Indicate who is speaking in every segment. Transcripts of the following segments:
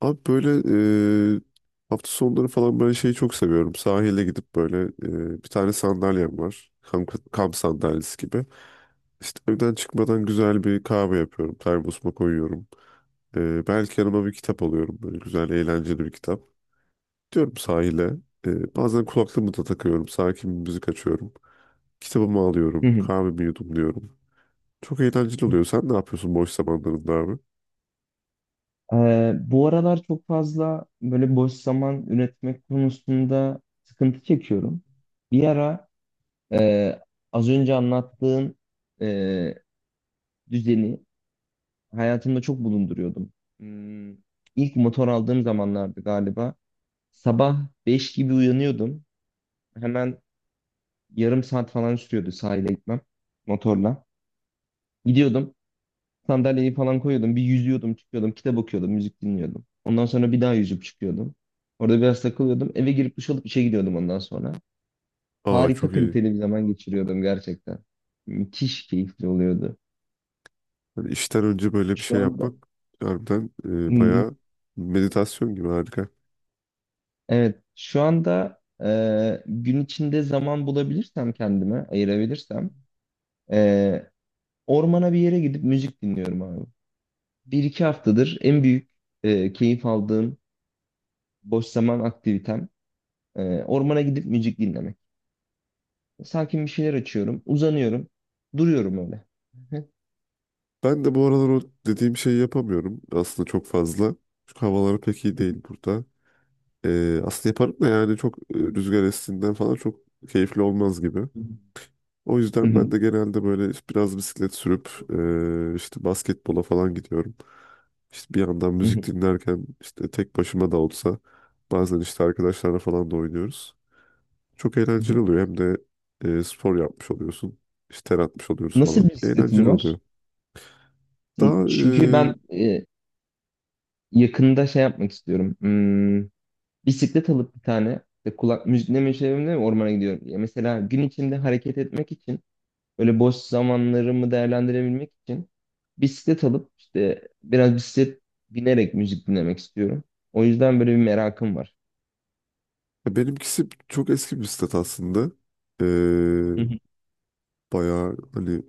Speaker 1: Abi böyle e, hafta sonları falan ben şeyi çok seviyorum. Sahile gidip böyle bir tane sandalyem var. Kamp, kamp sandalyesi gibi. İşte evden çıkmadan güzel bir kahve yapıyorum. Termosuma koyuyorum. Belki yanıma bir kitap alıyorum. Böyle güzel eğlenceli bir kitap. Diyorum sahile. Bazen kulaklığımı da takıyorum. Sakin bir müzik açıyorum. Kitabımı
Speaker 2: Hı
Speaker 1: alıyorum.
Speaker 2: hı.
Speaker 1: Kahvemi yudumluyorum. Çok eğlenceli oluyor. Sen ne yapıyorsun boş zamanlarında abi?
Speaker 2: Bu aralar çok fazla böyle boş zaman üretmek konusunda sıkıntı çekiyorum. Bir ara e, az önce anlattığın e, düzeni hayatımda çok bulunduruyordum. Hmm, ilk motor aldığım zamanlardı galiba. Sabah 5 gibi uyanıyordum. Hemen yarım saat falan sürüyordu sahile gitmem motorla. Gidiyordum. Sandalyeyi falan koyuyordum. Bir yüzüyordum, çıkıyordum. Kitap okuyordum, müzik dinliyordum. Ondan sonra bir daha yüzüp çıkıyordum. Orada biraz takılıyordum. Eve girip duş alıp işe gidiyordum ondan sonra.
Speaker 1: Aa, çok
Speaker 2: Harika
Speaker 1: iyi.
Speaker 2: kaliteli bir zaman geçiriyordum gerçekten. Müthiş keyifli oluyordu.
Speaker 1: Yani işten önce böyle bir şey
Speaker 2: Şu anda
Speaker 1: yapmak harbiden
Speaker 2: Hmm,
Speaker 1: bayağı meditasyon gibi harika.
Speaker 2: evet, şu anda gün içinde zaman bulabilirsem kendime ayırabilirsem e, ormana bir yere gidip müzik dinliyorum abi. Bir iki haftadır en büyük keyif aldığım boş zaman aktivitem ormana gidip müzik dinlemek. Sakin bir şeyler açıyorum. Uzanıyorum. Duruyorum öyle.
Speaker 1: Ben de bu aralar o dediğim şeyi yapamıyorum aslında çok fazla. Çünkü havalar pek iyi değil burada. Aslında yaparım da yani çok rüzgar estiğinden falan çok keyifli olmaz gibi.
Speaker 2: Hı hı.
Speaker 1: O
Speaker 2: Hı
Speaker 1: yüzden ben
Speaker 2: hı,
Speaker 1: de genelde böyle işte biraz bisiklet sürüp işte basketbola falan gidiyorum. İşte bir yandan
Speaker 2: hı hı,
Speaker 1: müzik dinlerken işte tek başıma da olsa bazen işte arkadaşlarla falan da oynuyoruz. Çok eğlenceli oluyor. Hem de spor yapmış oluyorsun. İşte ter atmış oluyoruz
Speaker 2: nasıl
Speaker 1: falan.
Speaker 2: bir bisikletin
Speaker 1: Eğlenceli
Speaker 2: var?
Speaker 1: oluyor. Daha
Speaker 2: Çünkü ben yakında şey yapmak istiyorum. Bisiklet alıp bir tane işte kulak müzikle çevremde ormana gidiyorum. Ya mesela gün içinde hareket etmek için böyle boş zamanlarımı değerlendirebilmek için bisiklet alıp işte biraz bisiklet binerek müzik dinlemek istiyorum. O yüzden böyle bir merakım var.
Speaker 1: Benimkisi çok eski bir bisiklet aslında. E,
Speaker 2: Hı hı.
Speaker 1: Bayağı hani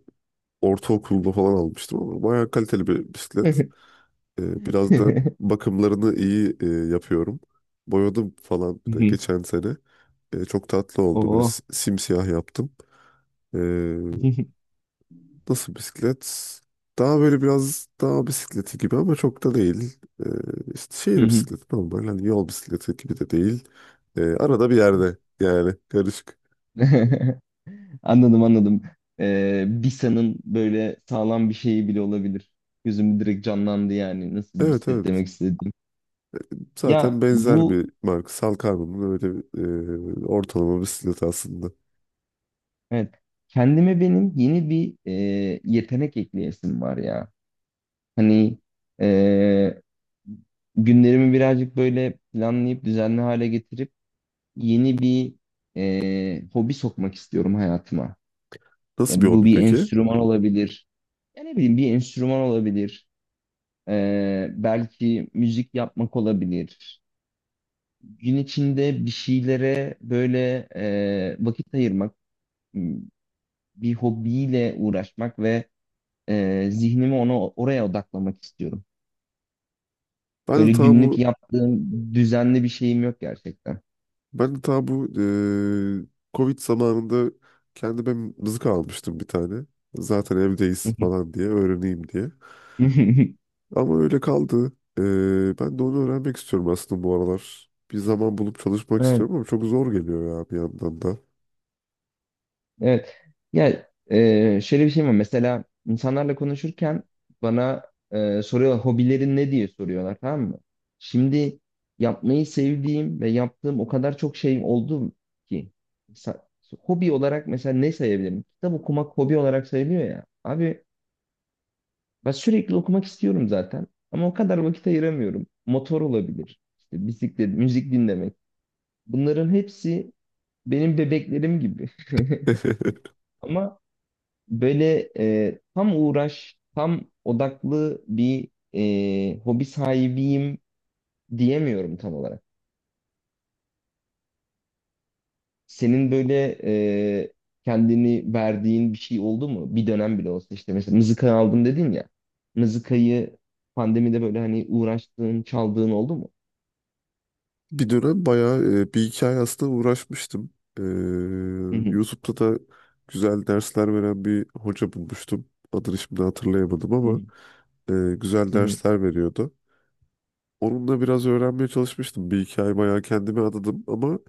Speaker 1: ortaokulda falan almıştım ama bayağı kaliteli bir bisiklet. Biraz da bakımlarını iyi yapıyorum. Boyadım falan bir
Speaker 2: Hı
Speaker 1: de
Speaker 2: hı.
Speaker 1: geçen sene. Çok tatlı oldu. Böyle
Speaker 2: Oo.
Speaker 1: simsiyah yaptım. E, Nasıl bisiklet? Daha böyle biraz daha bisikleti gibi ama çok da değil. Ee, işte şehir bisikleti normal. Hani yol bisikleti gibi de değil. Arada bir yerde yani karışık.
Speaker 2: Anladım, anladım. Bisa'nın böyle sağlam bir şeyi bile olabilir. Gözüm direkt canlandı yani nasıl bir
Speaker 1: Evet,
Speaker 2: set
Speaker 1: evet.
Speaker 2: demek istediğim.
Speaker 1: Zaten
Speaker 2: Ya
Speaker 1: benzer
Speaker 2: bu,
Speaker 1: bir marka. Salkarma'nın öyle bir, ortalama bisikleti aslında.
Speaker 2: evet, kendime benim yeni bir yetenek ekleyesim var ya. Hani e, günlerimi birazcık böyle planlayıp düzenli hale getirip yeni bir hobi sokmak istiyorum hayatıma. Ya
Speaker 1: Nasıl bir
Speaker 2: bu
Speaker 1: hobi
Speaker 2: bir
Speaker 1: peki?
Speaker 2: enstrüman olabilir. Ya ne bileyim bir enstrüman olabilir. Belki müzik yapmak olabilir. Gün içinde bir şeylere böyle vakit ayırmak, m, bir hobiyle uğraşmak ve zihnimi ona oraya odaklamak istiyorum.
Speaker 1: Ben de
Speaker 2: Böyle
Speaker 1: ta
Speaker 2: günlük
Speaker 1: bu
Speaker 2: yaptığım düzenli bir şeyim yok gerçekten.
Speaker 1: ben de ta bu e, Covid zamanında kendime mızık almıştım bir tane. Zaten evdeyiz falan diye öğreneyim diye. Ama öyle kaldı. Ben de onu öğrenmek istiyorum aslında bu aralar. Bir zaman bulup çalışmak
Speaker 2: Evet.
Speaker 1: istiyorum ama çok zor geliyor ya bir yandan da.
Speaker 2: Evet. Ya şöyle bir şey var. Mesela insanlarla konuşurken bana soruyorlar, hobilerin ne diye soruyorlar, tamam mı? Şimdi yapmayı sevdiğim ve yaptığım o kadar çok şey oldu ki. Sa- hobi olarak mesela ne sayabilirim? Kitap okumak hobi olarak sayılıyor ya. Abi, ben sürekli okumak istiyorum zaten. Ama o kadar vakit ayıramıyorum. Motor olabilir. İşte bisiklet, müzik dinlemek. Bunların hepsi benim bebeklerim gibi. Ama böyle tam uğraş, tam odaklı bir hobi sahibiyim diyemiyorum tam olarak. Senin böyle e, kendini verdiğin bir şey oldu mu? Bir dönem bile olsa, işte mesela mızıka aldım dedin ya. Mızıkayı pandemide böyle hani uğraştığın, çaldığın oldu mu?
Speaker 1: Bir dönem bayağı bir iki ay aslında uğraşmıştım. Ee,
Speaker 2: Hı hı,
Speaker 1: YouTube'da da güzel dersler veren bir hoca bulmuştum. Adını şimdi hatırlayamadım
Speaker 2: hı
Speaker 1: ama güzel
Speaker 2: hı,
Speaker 1: dersler veriyordu. Onunla biraz öğrenmeye çalışmıştım. Bir iki ay bayağı kendimi adadım ama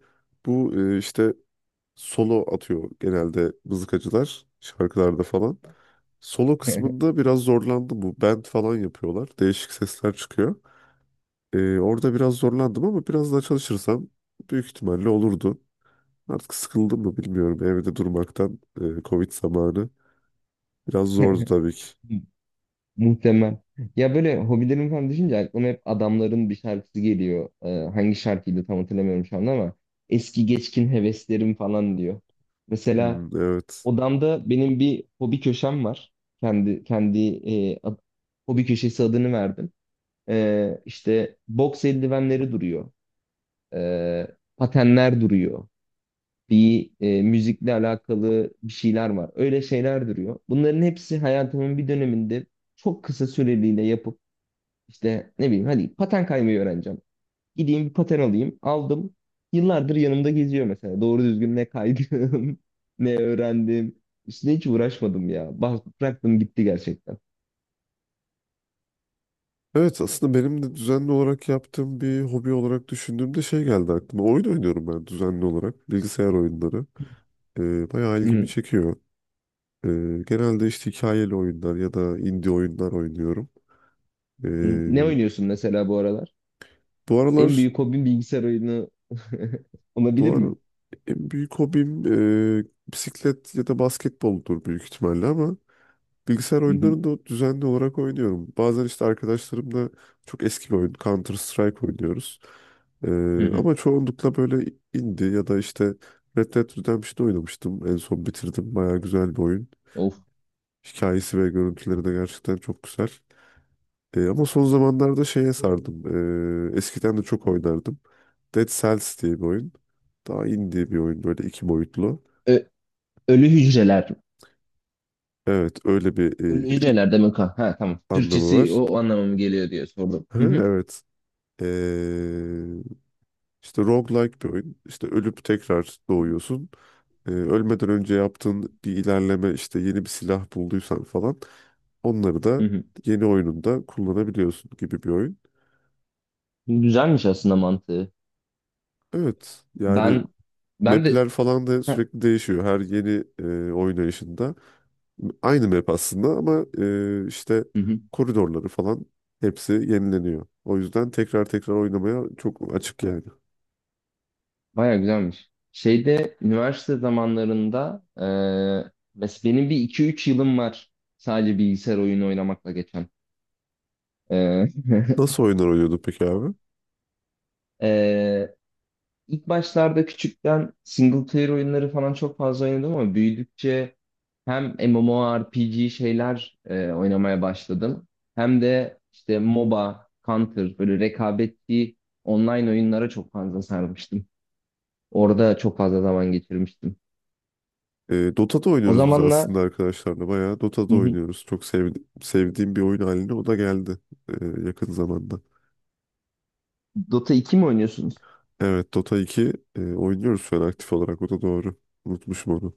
Speaker 1: bu işte solo atıyor genelde mızıkacılar şarkılarda falan. Solo
Speaker 2: hı
Speaker 1: kısmında biraz zorlandım bu. Band falan yapıyorlar. Değişik sesler çıkıyor. Orada biraz zorlandım ama biraz daha çalışırsam büyük ihtimalle olurdu. Artık sıkıldım mı bilmiyorum. Evde durmaktan Covid zamanı biraz zordu tabii ki.
Speaker 2: hı. Muhtemel. Ya böyle hobilerim falan düşünce aklıma hep adamların bir şarkısı geliyor. Hangi şarkıydı tam hatırlamıyorum şu anda ama eski geçkin heveslerim falan diyor.
Speaker 1: Hmm,
Speaker 2: Mesela
Speaker 1: evet.
Speaker 2: odamda benim bir hobi köşem var. Kendi kendi e, ad- hobi köşesi adını verdim. İşte boks eldivenleri duruyor. Ee, Patenler duruyor. Bir müzikle alakalı bir şeyler var. Öyle şeyler duruyor. Bunların hepsi hayatımın bir döneminde çok kısa süreliğine yapıp işte ne bileyim, hadi paten kaymayı öğreneceğim. Gideyim bir paten alayım. Aldım. Yıllardır yanımda geziyor mesela. Doğru düzgün ne kaydım, ne öğrendim. Üstüne hiç uğraşmadım ya. Bıraktım gitti gerçekten.
Speaker 1: Evet, aslında benim de düzenli olarak yaptığım bir hobi olarak düşündüğümde şey geldi aklıma. Oyun oynuyorum ben düzenli olarak. Bilgisayar oyunları. Bayağı
Speaker 2: Hı
Speaker 1: ilgimi
Speaker 2: hı.
Speaker 1: çekiyor. Ee, Genelde işte hikayeli oyunlar ya da indie oyunlar oynuyorum.
Speaker 2: Hı. Ne
Speaker 1: Ee,
Speaker 2: oynuyorsun mesela bu aralar?
Speaker 1: Bu
Speaker 2: En
Speaker 1: aralar
Speaker 2: büyük hobin bilgisayar oyunu
Speaker 1: bu
Speaker 2: olabilir
Speaker 1: ara
Speaker 2: mi?
Speaker 1: en büyük hobim bisiklet ya da basketboldur büyük ihtimalle ama bilgisayar
Speaker 2: Hı hı.
Speaker 1: oyunlarını da düzenli olarak oynuyorum. Bazen işte arkadaşlarımla çok eski bir oyun Counter Strike oynuyoruz. E,
Speaker 2: Hı hı.
Speaker 1: Ama çoğunlukla böyle indie ya da işte Red Dead Redemption'ı oynamıştım. En son bitirdim. Bayağı güzel bir oyun.
Speaker 2: Of.
Speaker 1: Hikayesi ve görüntüleri de gerçekten çok güzel. Ama son zamanlarda şeye sardım. Eskiden de çok oynardım. Dead Cells diye bir oyun. Daha indie bir oyun böyle iki boyutlu.
Speaker 2: Ö- Ölü hücreler.
Speaker 1: Evet, öyle bir
Speaker 2: Ölü hücreler demek, ha. Ha, tamam.
Speaker 1: anlamı
Speaker 2: Türkçesi
Speaker 1: var.
Speaker 2: o anlamamı geliyor diye sordum.
Speaker 1: Ha,
Speaker 2: Hı hı.
Speaker 1: evet. E, işte roguelike bir oyun. İşte ölüp tekrar doğuyorsun. Ölmeden önce yaptığın bir ilerleme işte yeni bir silah bulduysan falan onları da
Speaker 2: Hı hı.
Speaker 1: yeni oyununda kullanabiliyorsun gibi bir oyun.
Speaker 2: Güzelmiş aslında mantığı.
Speaker 1: Evet yani
Speaker 2: Ben ben de
Speaker 1: Map'ler falan da
Speaker 2: heh,
Speaker 1: sürekli değişiyor. Her yeni oynayışında aynı map aslında ama işte
Speaker 2: hı hı.
Speaker 1: koridorları falan hepsi yenileniyor. O yüzden tekrar tekrar oynamaya çok açık yani.
Speaker 2: Bayağı güzelmiş. Şeyde üniversite zamanlarında mes benim bir iki üç yılım var sadece bilgisayar oyunu oynamakla geçen. Eee
Speaker 1: Nasıl oyunlar oynuyorduk peki abi?
Speaker 2: eee, ilk başlarda küçükten single player oyunları falan çok fazla oynadım ama büyüdükçe hem MMORPG şeyler oynamaya başladım. Hem de işte MOBA, Counter böyle rekabetli online oyunlara çok fazla sarmıştım. Orada çok fazla zaman geçirmiştim.
Speaker 1: Dota'da
Speaker 2: O
Speaker 1: oynuyoruz biz aslında
Speaker 2: zamanlar
Speaker 1: arkadaşlarla. Bayağı Dota'da
Speaker 2: hı hı.
Speaker 1: oynuyoruz. Sevdiğim bir oyun haline o da geldi yakın zamanda.
Speaker 2: Dota 2 mi oynuyorsunuz?
Speaker 1: Evet, Dota 2 oynuyoruz şu an aktif olarak. O da doğru. Unutmuşum onu.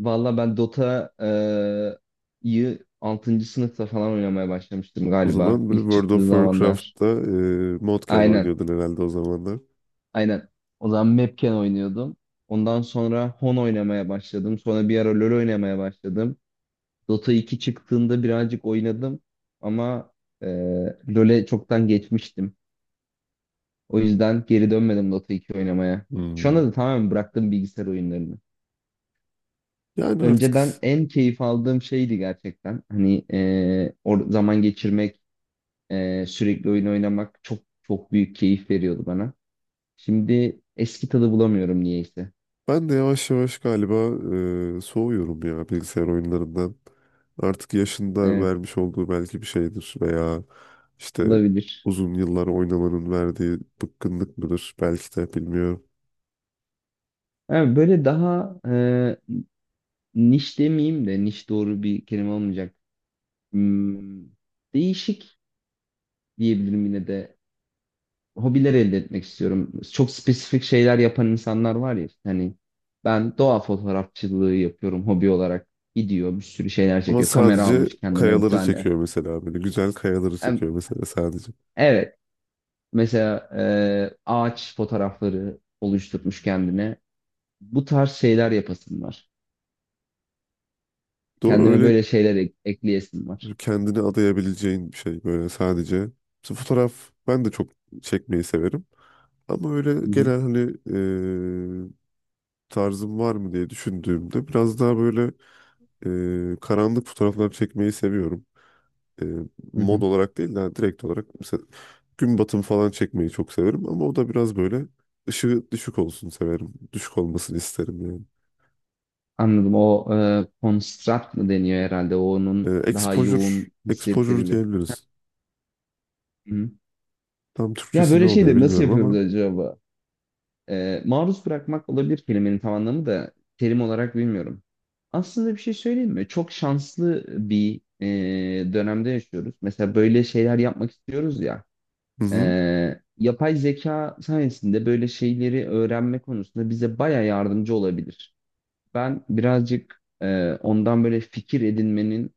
Speaker 2: Valla ben Dota'yı altıncı sınıfta falan oynamaya başlamıştım
Speaker 1: O
Speaker 2: galiba.
Speaker 1: zaman böyle
Speaker 2: İlk
Speaker 1: World of
Speaker 2: çıktığı zamanlar.
Speaker 1: Warcraft'ta Modken
Speaker 2: Aynen,
Speaker 1: oynuyordun herhalde o zamanlar.
Speaker 2: aynen. O zaman Mapken oynuyordum. Ondan sonra Hon oynamaya başladım. Sonra bir ara LoL oynamaya başladım. Dota 2 çıktığında birazcık oynadım. Ama e, LoL'e çoktan geçmiştim. O yüzden geri dönmedim Dota 2 oynamaya. Şu
Speaker 1: Hmm.
Speaker 2: anda da tamamen bıraktım bilgisayar oyunlarını.
Speaker 1: Yani
Speaker 2: Önceden
Speaker 1: artık
Speaker 2: en keyif aldığım şeydi gerçekten. Hani e, or zaman geçirmek, sürekli oyun oynamak çok çok büyük keyif veriyordu bana. Şimdi eski tadı bulamıyorum niyeyse.
Speaker 1: ben de yavaş yavaş galiba soğuyorum ya bilgisayar oyunlarından. Artık yaşında
Speaker 2: Evet,
Speaker 1: vermiş olduğu belki bir şeydir veya işte
Speaker 2: olabilir.
Speaker 1: uzun yıllar oynamanın verdiği bıkkınlık mıdır belki de bilmiyorum.
Speaker 2: Ha, böyle daha niş demeyeyim de, niş doğru bir kelime olmayacak. Hmm, Değişik diyebilirim yine de, hobiler elde etmek istiyorum. Çok spesifik şeyler yapan insanlar var ya. Hani ben doğa fotoğrafçılığı yapıyorum hobi olarak. Gidiyor bir sürü şeyler
Speaker 1: Ama
Speaker 2: çekiyor. Kamera
Speaker 1: sadece
Speaker 2: almış kendine bir
Speaker 1: kayaları
Speaker 2: tane.
Speaker 1: çekiyor mesela böyle güzel kayaları
Speaker 2: Hem-
Speaker 1: çekiyor mesela sadece.
Speaker 2: Evet. Mesela ağaç fotoğrafları oluşturmuş kendine. Bu tarz şeyler yapasım var.
Speaker 1: Doğru
Speaker 2: Kendime
Speaker 1: öyle.
Speaker 2: böyle şeyler ekleyesim
Speaker 1: Böyle
Speaker 2: var.
Speaker 1: kendini adayabileceğin bir şey böyle sadece. Mesela fotoğraf ben de çok çekmeyi severim. Ama öyle
Speaker 2: Hı hı,
Speaker 1: genel hani eee, tarzım var mı diye düşündüğümde biraz daha böyle karanlık fotoğraflar çekmeyi seviyorum. Eee,
Speaker 2: hı
Speaker 1: Mod
Speaker 2: hı.
Speaker 1: olarak değil de hani direkt olarak mesela gün batımı falan çekmeyi çok severim ama o da biraz böyle ışığı düşük olsun severim. Düşük olmasını isterim yani.
Speaker 2: Anladım. O construct mı deniyor herhalde? O onun daha
Speaker 1: Exposure,
Speaker 2: yoğun
Speaker 1: exposure
Speaker 2: hissettirili.
Speaker 1: diyebiliriz.
Speaker 2: Hı hı.
Speaker 1: Tam
Speaker 2: Ya
Speaker 1: Türkçesi ne
Speaker 2: böyle
Speaker 1: oluyor
Speaker 2: şeyleri nasıl
Speaker 1: bilmiyorum
Speaker 2: yapıyoruz
Speaker 1: ama.
Speaker 2: acaba? Maruz bırakmak olabilir kelimenin tam anlamı, da terim olarak bilmiyorum. Aslında bir şey söyleyeyim mi? Çok şanslı bir dönemde yaşıyoruz. Mesela böyle şeyler yapmak istiyoruz ya.
Speaker 1: Hı hı.
Speaker 2: e, Yapay zeka sayesinde böyle şeyleri öğrenme konusunda bize baya yardımcı olabilir. Ben birazcık ondan böyle fikir edinmenin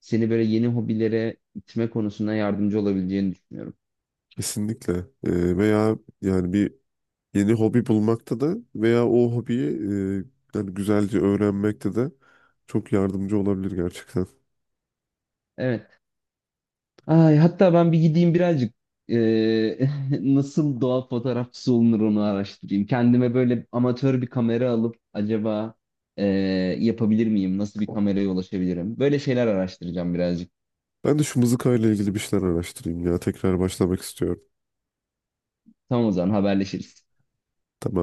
Speaker 2: seni böyle yeni hobilere itme konusunda yardımcı olabileceğini düşünüyorum.
Speaker 1: Kesinlikle. Veya yani bir yeni hobi bulmakta da veya o hobiyi yani güzelce öğrenmekte de çok yardımcı olabilir gerçekten.
Speaker 2: Evet. Ay, hatta ben bir gideyim birazcık eee, nasıl doğa fotoğrafçısı olunur onu araştırayım. Kendime böyle amatör bir kamera alıp acaba eee, yapabilir miyim? Nasıl bir kameraya ulaşabilirim? Böyle şeyler araştıracağım birazcık.
Speaker 1: Ben de şu mızıkayla ilgili bir şeyler araştırayım ya. Tekrar başlamak istiyorum.
Speaker 2: Tamam, o zaman haberleşiriz.
Speaker 1: Tamamdır